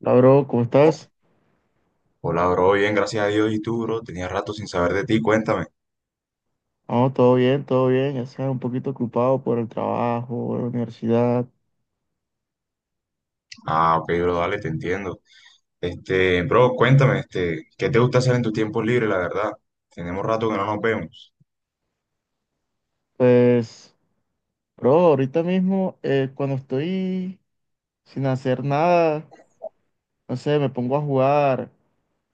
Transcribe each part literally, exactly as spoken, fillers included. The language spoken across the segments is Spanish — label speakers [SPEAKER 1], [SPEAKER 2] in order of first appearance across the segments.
[SPEAKER 1] Hola, bro, ¿cómo estás?
[SPEAKER 2] Hola, bro, bien, gracias a Dios. ¿Y tú, bro? Tenía rato sin saber de ti, cuéntame.
[SPEAKER 1] No, todo bien, todo bien. Ya sea un poquito ocupado por el trabajo, la universidad.
[SPEAKER 2] Ah, ok, bro, dale, te entiendo. Este, bro, cuéntame, este, ¿qué te gusta hacer en tus tiempos libres, la verdad? Tenemos rato que no nos vemos.
[SPEAKER 1] Pues, bro, ahorita mismo, eh, cuando estoy sin hacer nada, no sé, me pongo a jugar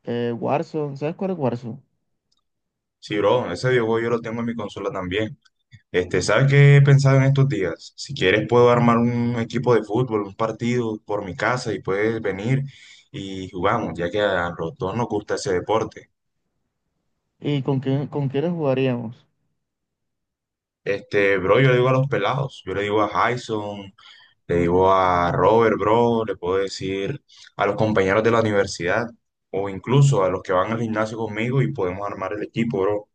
[SPEAKER 1] eh, Warzone. ¿Sabes cuál es Warzone?
[SPEAKER 2] Sí, bro, ese videojuego yo lo tengo en mi consola también. Este, ¿sabes qué he pensado en estos días? Si quieres puedo armar un equipo de fútbol, un partido por mi casa y puedes venir y jugamos, ya que a los dos nos gusta ese deporte.
[SPEAKER 1] ¿Y con quién, con quiénes jugaríamos?
[SPEAKER 2] Este, bro, yo le digo a los pelados, yo le digo a Jason, Le digo a Robert, bro, le puedo decir a los compañeros de la universidad o incluso a los que van al gimnasio conmigo y podemos armar el equipo, bro.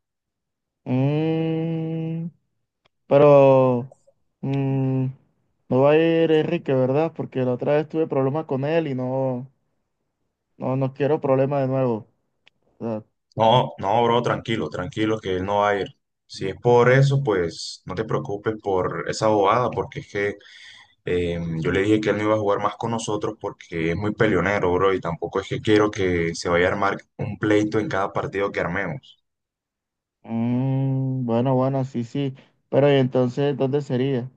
[SPEAKER 1] Mm, pero mm, no va a ir Enrique, ¿verdad? Porque la otra vez tuve problemas con él y no, no, no quiero problemas de nuevo.
[SPEAKER 2] No, no, bro, tranquilo, tranquilo, que él no va a ir. Si es por eso, pues no te preocupes por esa bobada, porque es que eh, yo le dije que él no iba a jugar más con nosotros porque es muy peleonero, bro, y tampoco es que quiero que se vaya a armar un pleito en cada partido que armemos.
[SPEAKER 1] Mm, bueno, bueno, sí, sí. Pero ¿y entonces dónde sería?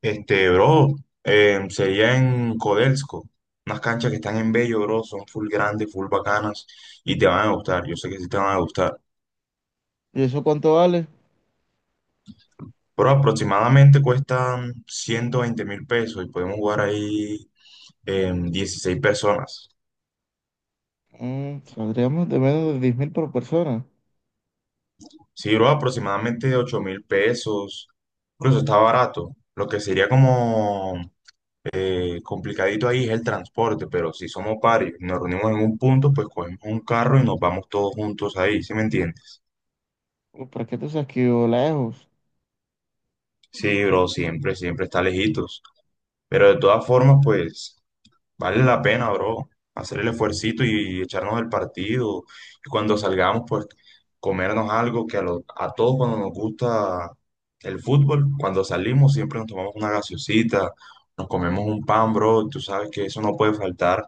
[SPEAKER 2] Este, bro, eh, sería en Codelco, unas canchas que están en Bello, bro, son full grandes, full bacanas y te van a gustar, yo sé que sí te van a gustar.
[SPEAKER 1] ¿Y eso cuánto vale?
[SPEAKER 2] Pero aproximadamente cuestan ciento veinte mil pesos y podemos jugar ahí eh, dieciséis personas.
[SPEAKER 1] Mm, saldríamos de menos de diez mil por persona.
[SPEAKER 2] Sí, bro, aproximadamente ocho mil pesos, incluso está barato. Lo que sería como eh, complicadito ahí es el transporte, pero si somos varios, nos reunimos en un punto, pues cogemos un carro y nos vamos todos juntos ahí, ¿sí me entiendes?
[SPEAKER 1] Uy, ¿para qué? Tú sabes que yo lejos.
[SPEAKER 2] Sí, bro, siempre, siempre está lejitos. Pero de todas formas, pues, vale la pena, bro, hacer el esfuercito y echarnos el partido. Y cuando salgamos, pues, comernos algo que a, lo- a todos cuando nos gusta el fútbol, cuando salimos siempre nos tomamos una gaseosita, nos comemos un pan, bro, y tú sabes que eso no puede faltar.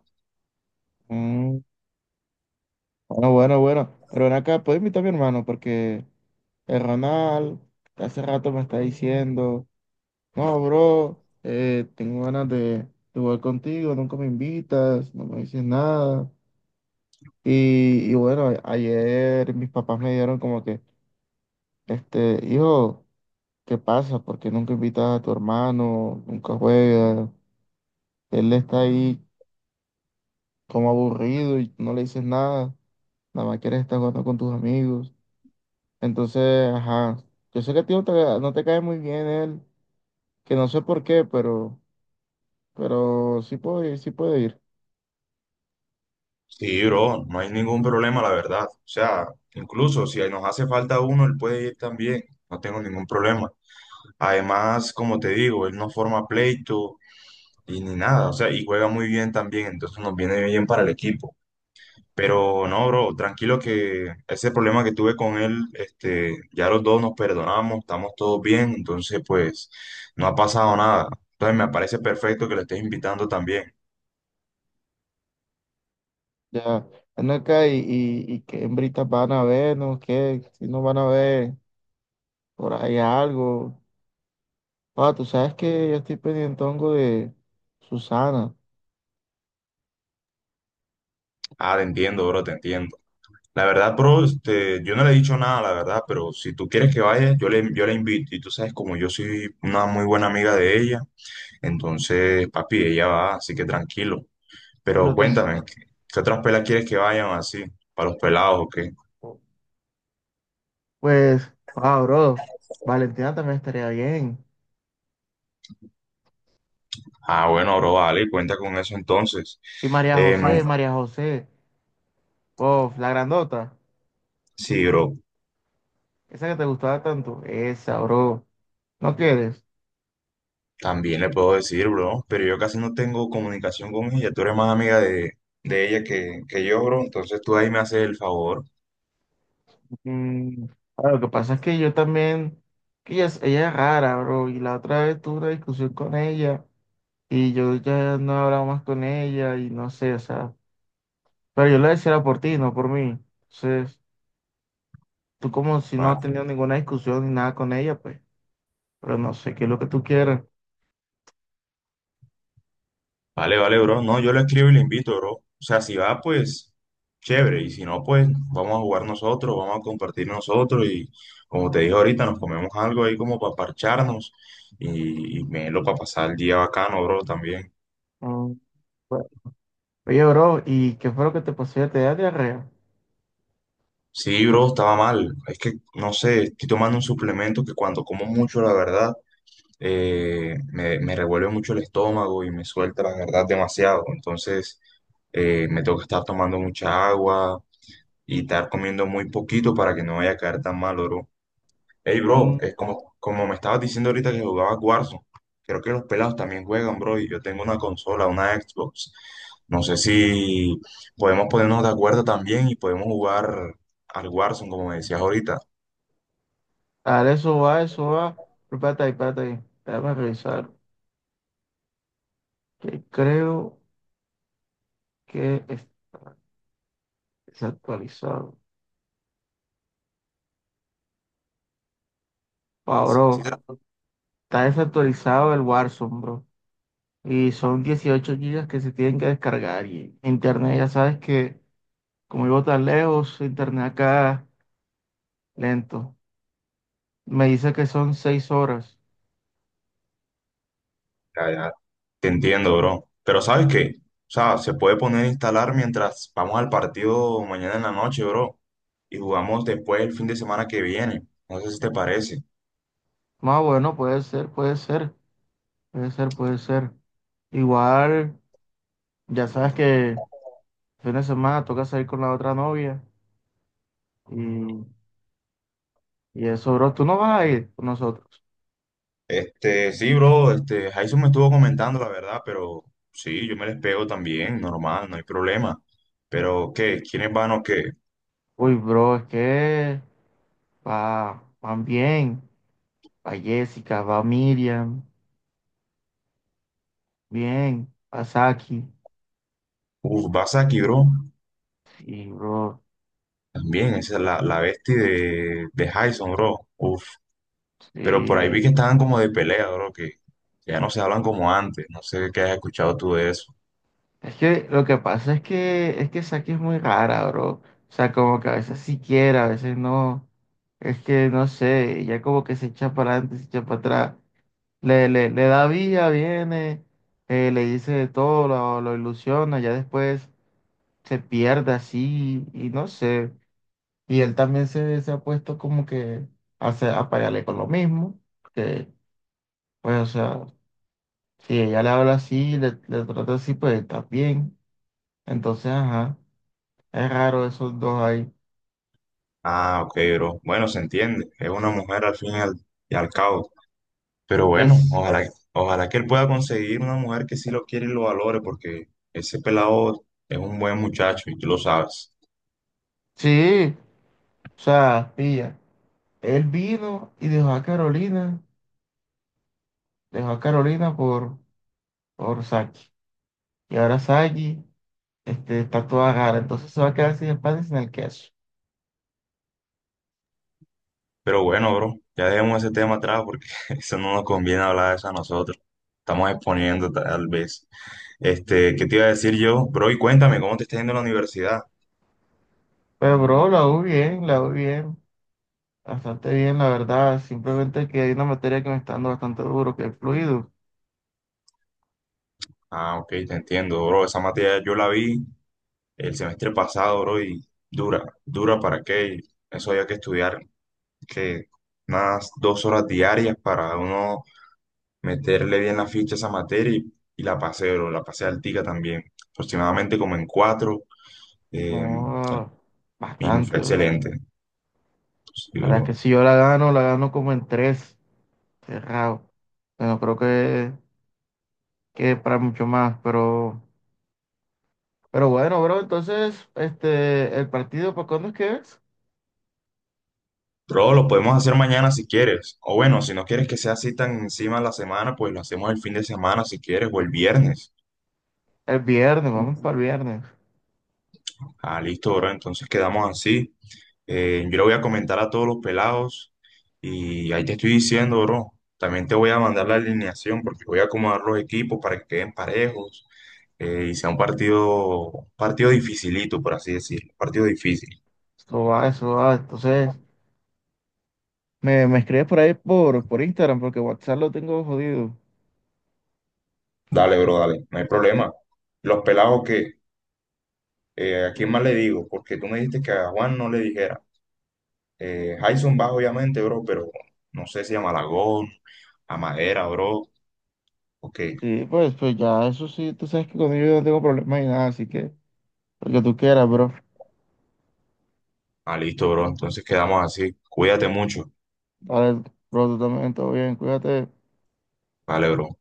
[SPEAKER 1] Mm, bueno, bueno, bueno. Pero ven acá, puedes invitar a mi hermano porque el Ronald hace rato me está diciendo, no, bro, eh, tengo ganas de, de jugar contigo, nunca me invitas, no me dices nada. Y, y bueno, a- ayer mis papás me dieron como que, este, hijo. ¿Qué pasa? ¿Por qué nunca invitas a tu hermano? Nunca juega. Él está ahí como aburrido y no le dices nada. Nada más quieres estar jugando con tus amigos. Entonces, ajá. Yo sé que a ti no te, no te cae muy bien él, que no sé por qué, pero, pero sí puedo ir, sí puedo ir.
[SPEAKER 2] Sí, bro, no hay ningún problema, la verdad. O sea, incluso si nos hace falta uno, él puede ir también. No tengo ningún problema. Además, como te digo, él no forma pleito y ni nada, o sea, y juega muy bien también, entonces nos viene bien para el equipo. Pero no, bro, tranquilo que ese problema que tuve con él, este, ya los dos nos perdonamos, estamos todos bien, entonces pues no ha pasado nada. Entonces me parece perfecto que lo estés invitando también.
[SPEAKER 1] Ya, ven acá y, y, y qué hembritas van a ver, ¿no? ¿Qué? Si no van a ver por ahí algo. Ah, tú sabes que yo estoy pendiente hongo de Susana.
[SPEAKER 2] Ah, te entiendo, bro, te entiendo. La verdad, bro, este, yo no le he dicho nada, la verdad, pero si tú quieres que vaya, yo le, yo la invito. Y tú sabes, como yo soy una muy buena amiga de ella. Entonces, papi, ella va, así que tranquilo. Pero
[SPEAKER 1] Pero tú,
[SPEAKER 2] cuéntame, ¿qué, qué otras pelas quieres que vayan así? ¿Para los pelados o qué?
[SPEAKER 1] pues, wow, bro, Valentina también estaría bien.
[SPEAKER 2] Ah, bueno, bro, vale, cuenta con eso entonces.
[SPEAKER 1] Y María
[SPEAKER 2] Em,
[SPEAKER 1] José, María José, oh, la grandota,
[SPEAKER 2] sí, bro,
[SPEAKER 1] esa que te gustaba tanto, esa, bro, ¿no quieres?
[SPEAKER 2] también le puedo decir, bro, pero yo casi no tengo comunicación con ella. Tú eres más amiga de, de ella que, que yo, bro. Entonces tú ahí me haces el favor.
[SPEAKER 1] Mm, ah, lo que pasa es que yo también, que ella, es ella es rara, bro, y la otra vez tuve una discusión con ella y yo ya no he hablado más con ella y no sé, o sea, pero yo lo decía era por ti, no por mí. Entonces, tú como si no has
[SPEAKER 2] vale.
[SPEAKER 1] tenido ninguna discusión ni nada con ella, pues, pero no sé qué es lo que tú quieras.
[SPEAKER 2] Vale, vale, bro. No, yo le escribo y le invito, bro. O sea, si va, pues chévere. Y si no, pues vamos a jugar nosotros, vamos a compartir nosotros. Y como te dije ahorita, nos comemos algo ahí como para parcharnos y, y melo para pasar el día bacano, bro, también.
[SPEAKER 1] Mm, oye, bro, ¿y qué fue lo que te pasó? ¿Ya? ¿Te da diarrea?
[SPEAKER 2] Sí, bro, estaba mal. Es que, no sé, estoy tomando un suplemento que cuando como mucho, la verdad, eh, me, me revuelve mucho el estómago y me suelta, la verdad, demasiado. Entonces, eh, me tengo que estar tomando mucha agua y estar comiendo muy poquito para que no vaya a caer tan mal, bro. Hey, bro,
[SPEAKER 1] Mm,
[SPEAKER 2] es como, como me estabas diciendo ahorita que jugabas Warzone, creo que los pelados también juegan, bro, y yo tengo una consola, una Xbox. No sé si podemos ponernos de acuerdo también y podemos jugar al Warzone, como me decías ahorita.
[SPEAKER 1] dale, eso va, eso va. Pero espérate ahí, espérate ahí. Déjame revisar. Que creo que es desactualizado. Ah,
[SPEAKER 2] Sí, te-
[SPEAKER 1] bro, está desactualizado el Warzone, bro. Y son dieciocho gigas que se tienen que descargar. Y internet, ya sabes que como vivo tan lejos, internet acá lento. Me dice que son seis horas.
[SPEAKER 2] ya, ya, te entiendo, bro. Pero ¿sabes qué? O sea, se puede poner a instalar mientras vamos al partido mañana en la noche, bro. Y jugamos después el fin de semana que viene. No sé si te parece.
[SPEAKER 1] Más bueno, puede ser, puede ser, puede ser, puede ser. Igual, ya sabes que fin de semana toca salir con la otra novia y, y eso, bro, tú no vas a ir con nosotros.
[SPEAKER 2] Este, sí, bro, este, Jason me estuvo comentando la verdad, pero sí, yo me les pego también, normal, no hay problema. Pero, ¿qué? ¿Quiénes van o qué?
[SPEAKER 1] Uy, bro, es que va, van bien, va Jessica, va Miriam, bien, va Saki.
[SPEAKER 2] Uf, Basaki, bro,
[SPEAKER 1] Y, bro,
[SPEAKER 2] también, esa es la, la bestia de, de Jason, bro. Uf, pero por ahí vi que
[SPEAKER 1] sí.
[SPEAKER 2] estaban como de pelea, bro, que ya no se hablan como antes, no sé qué has escuchado tú de eso.
[SPEAKER 1] Es que lo que pasa es que, es que Saki es muy rara, bro. O sea, como que a veces sí quiere, a veces no. Es que no sé, ya como que se echa para adelante, se echa para atrás. Le, le, le da vía viene, eh, le dice de todo, lo, lo ilusiona, ya después se pierde así y no sé. Y él también se, se ha puesto como que a, se- a pelearle con lo mismo, que pues o sea, si ella le habla así, le, le trata así, pues está bien. Entonces, ajá, es raro esos dos ahí.
[SPEAKER 2] Ah, ok, bro, bueno, se entiende, es una mujer al fin y al, y al cabo. Pero bueno,
[SPEAKER 1] Pues
[SPEAKER 2] ojalá, ojalá que él pueda conseguir una mujer que sí lo quiere y lo valore, porque ese pelado es un buen muchacho y tú lo sabes.
[SPEAKER 1] sí, o sea, pilla. Él vino y dejó a Carolina, dejó a Carolina por, por Saki. Y ahora Saki. Este, está toda rara, entonces se va a quedar sin el pan y sin el queso.
[SPEAKER 2] Pero bueno, bro, ya dejemos ese tema atrás porque eso no nos conviene hablar de eso a nosotros. Estamos exponiendo tal vez. Este, ¿qué te iba a decir yo? Bro, y cuéntame, ¿cómo te está yendo en la universidad?
[SPEAKER 1] Pero, bro, la U bien, la U bien, bastante bien, la verdad. Simplemente que hay una materia que me está dando bastante duro, que es fluido.
[SPEAKER 2] Ah, ok, te entiendo, bro. Esa materia yo la vi el semestre pasado, bro, y dura, dura para qué. Eso había que estudiar, que unas dos horas diarias para uno meterle bien la ficha a esa materia y, y la pasé, bro, la pasé altica también, aproximadamente como en cuatro, eh,
[SPEAKER 1] Oh,
[SPEAKER 2] y me fue
[SPEAKER 1] bastante, bro.
[SPEAKER 2] excelente. Sí,
[SPEAKER 1] La verdad
[SPEAKER 2] bro.
[SPEAKER 1] que si yo la gano, la gano como en tres, cerrado. Bueno, creo que, que para mucho más, pero, pero bueno, bro, entonces, este, el partido, ¿para cuándo es que es?
[SPEAKER 2] Bro, lo podemos hacer mañana si quieres, o bueno, si no quieres que sea así tan encima de la semana, pues lo hacemos el fin de semana si quieres, o el viernes.
[SPEAKER 1] El viernes, vamos para el viernes.
[SPEAKER 2] Ah, listo, bro, entonces quedamos así. Eh, yo le voy a comentar a todos los pelados y ahí te estoy diciendo, bro. También te voy a mandar la alineación porque voy a acomodar los equipos para que queden parejos eh, y sea un partido, partido dificilito, por así decirlo, partido difícil.
[SPEAKER 1] Eso va, eso va. Entonces. Me, me escribes por ahí por, por Instagram, porque WhatsApp lo tengo jodido.
[SPEAKER 2] Dale, bro, dale, no hay problema. Los pelados que, eh, ¿a quién más le digo? Porque tú me dijiste que a Juan no le dijera. Eh, Jason va, obviamente, bro, pero no sé si a Malagón, a Madera, bro. Ok,
[SPEAKER 1] Sí, pues, pues ya, eso sí, tú sabes que conmigo yo no tengo problemas ni nada, así que lo que tú quieras, bro.
[SPEAKER 2] ah, listo, bro, entonces quedamos así. Cuídate mucho.
[SPEAKER 1] Dale, bro, tú también, todo bien, cuídate.
[SPEAKER 2] Dale, bro.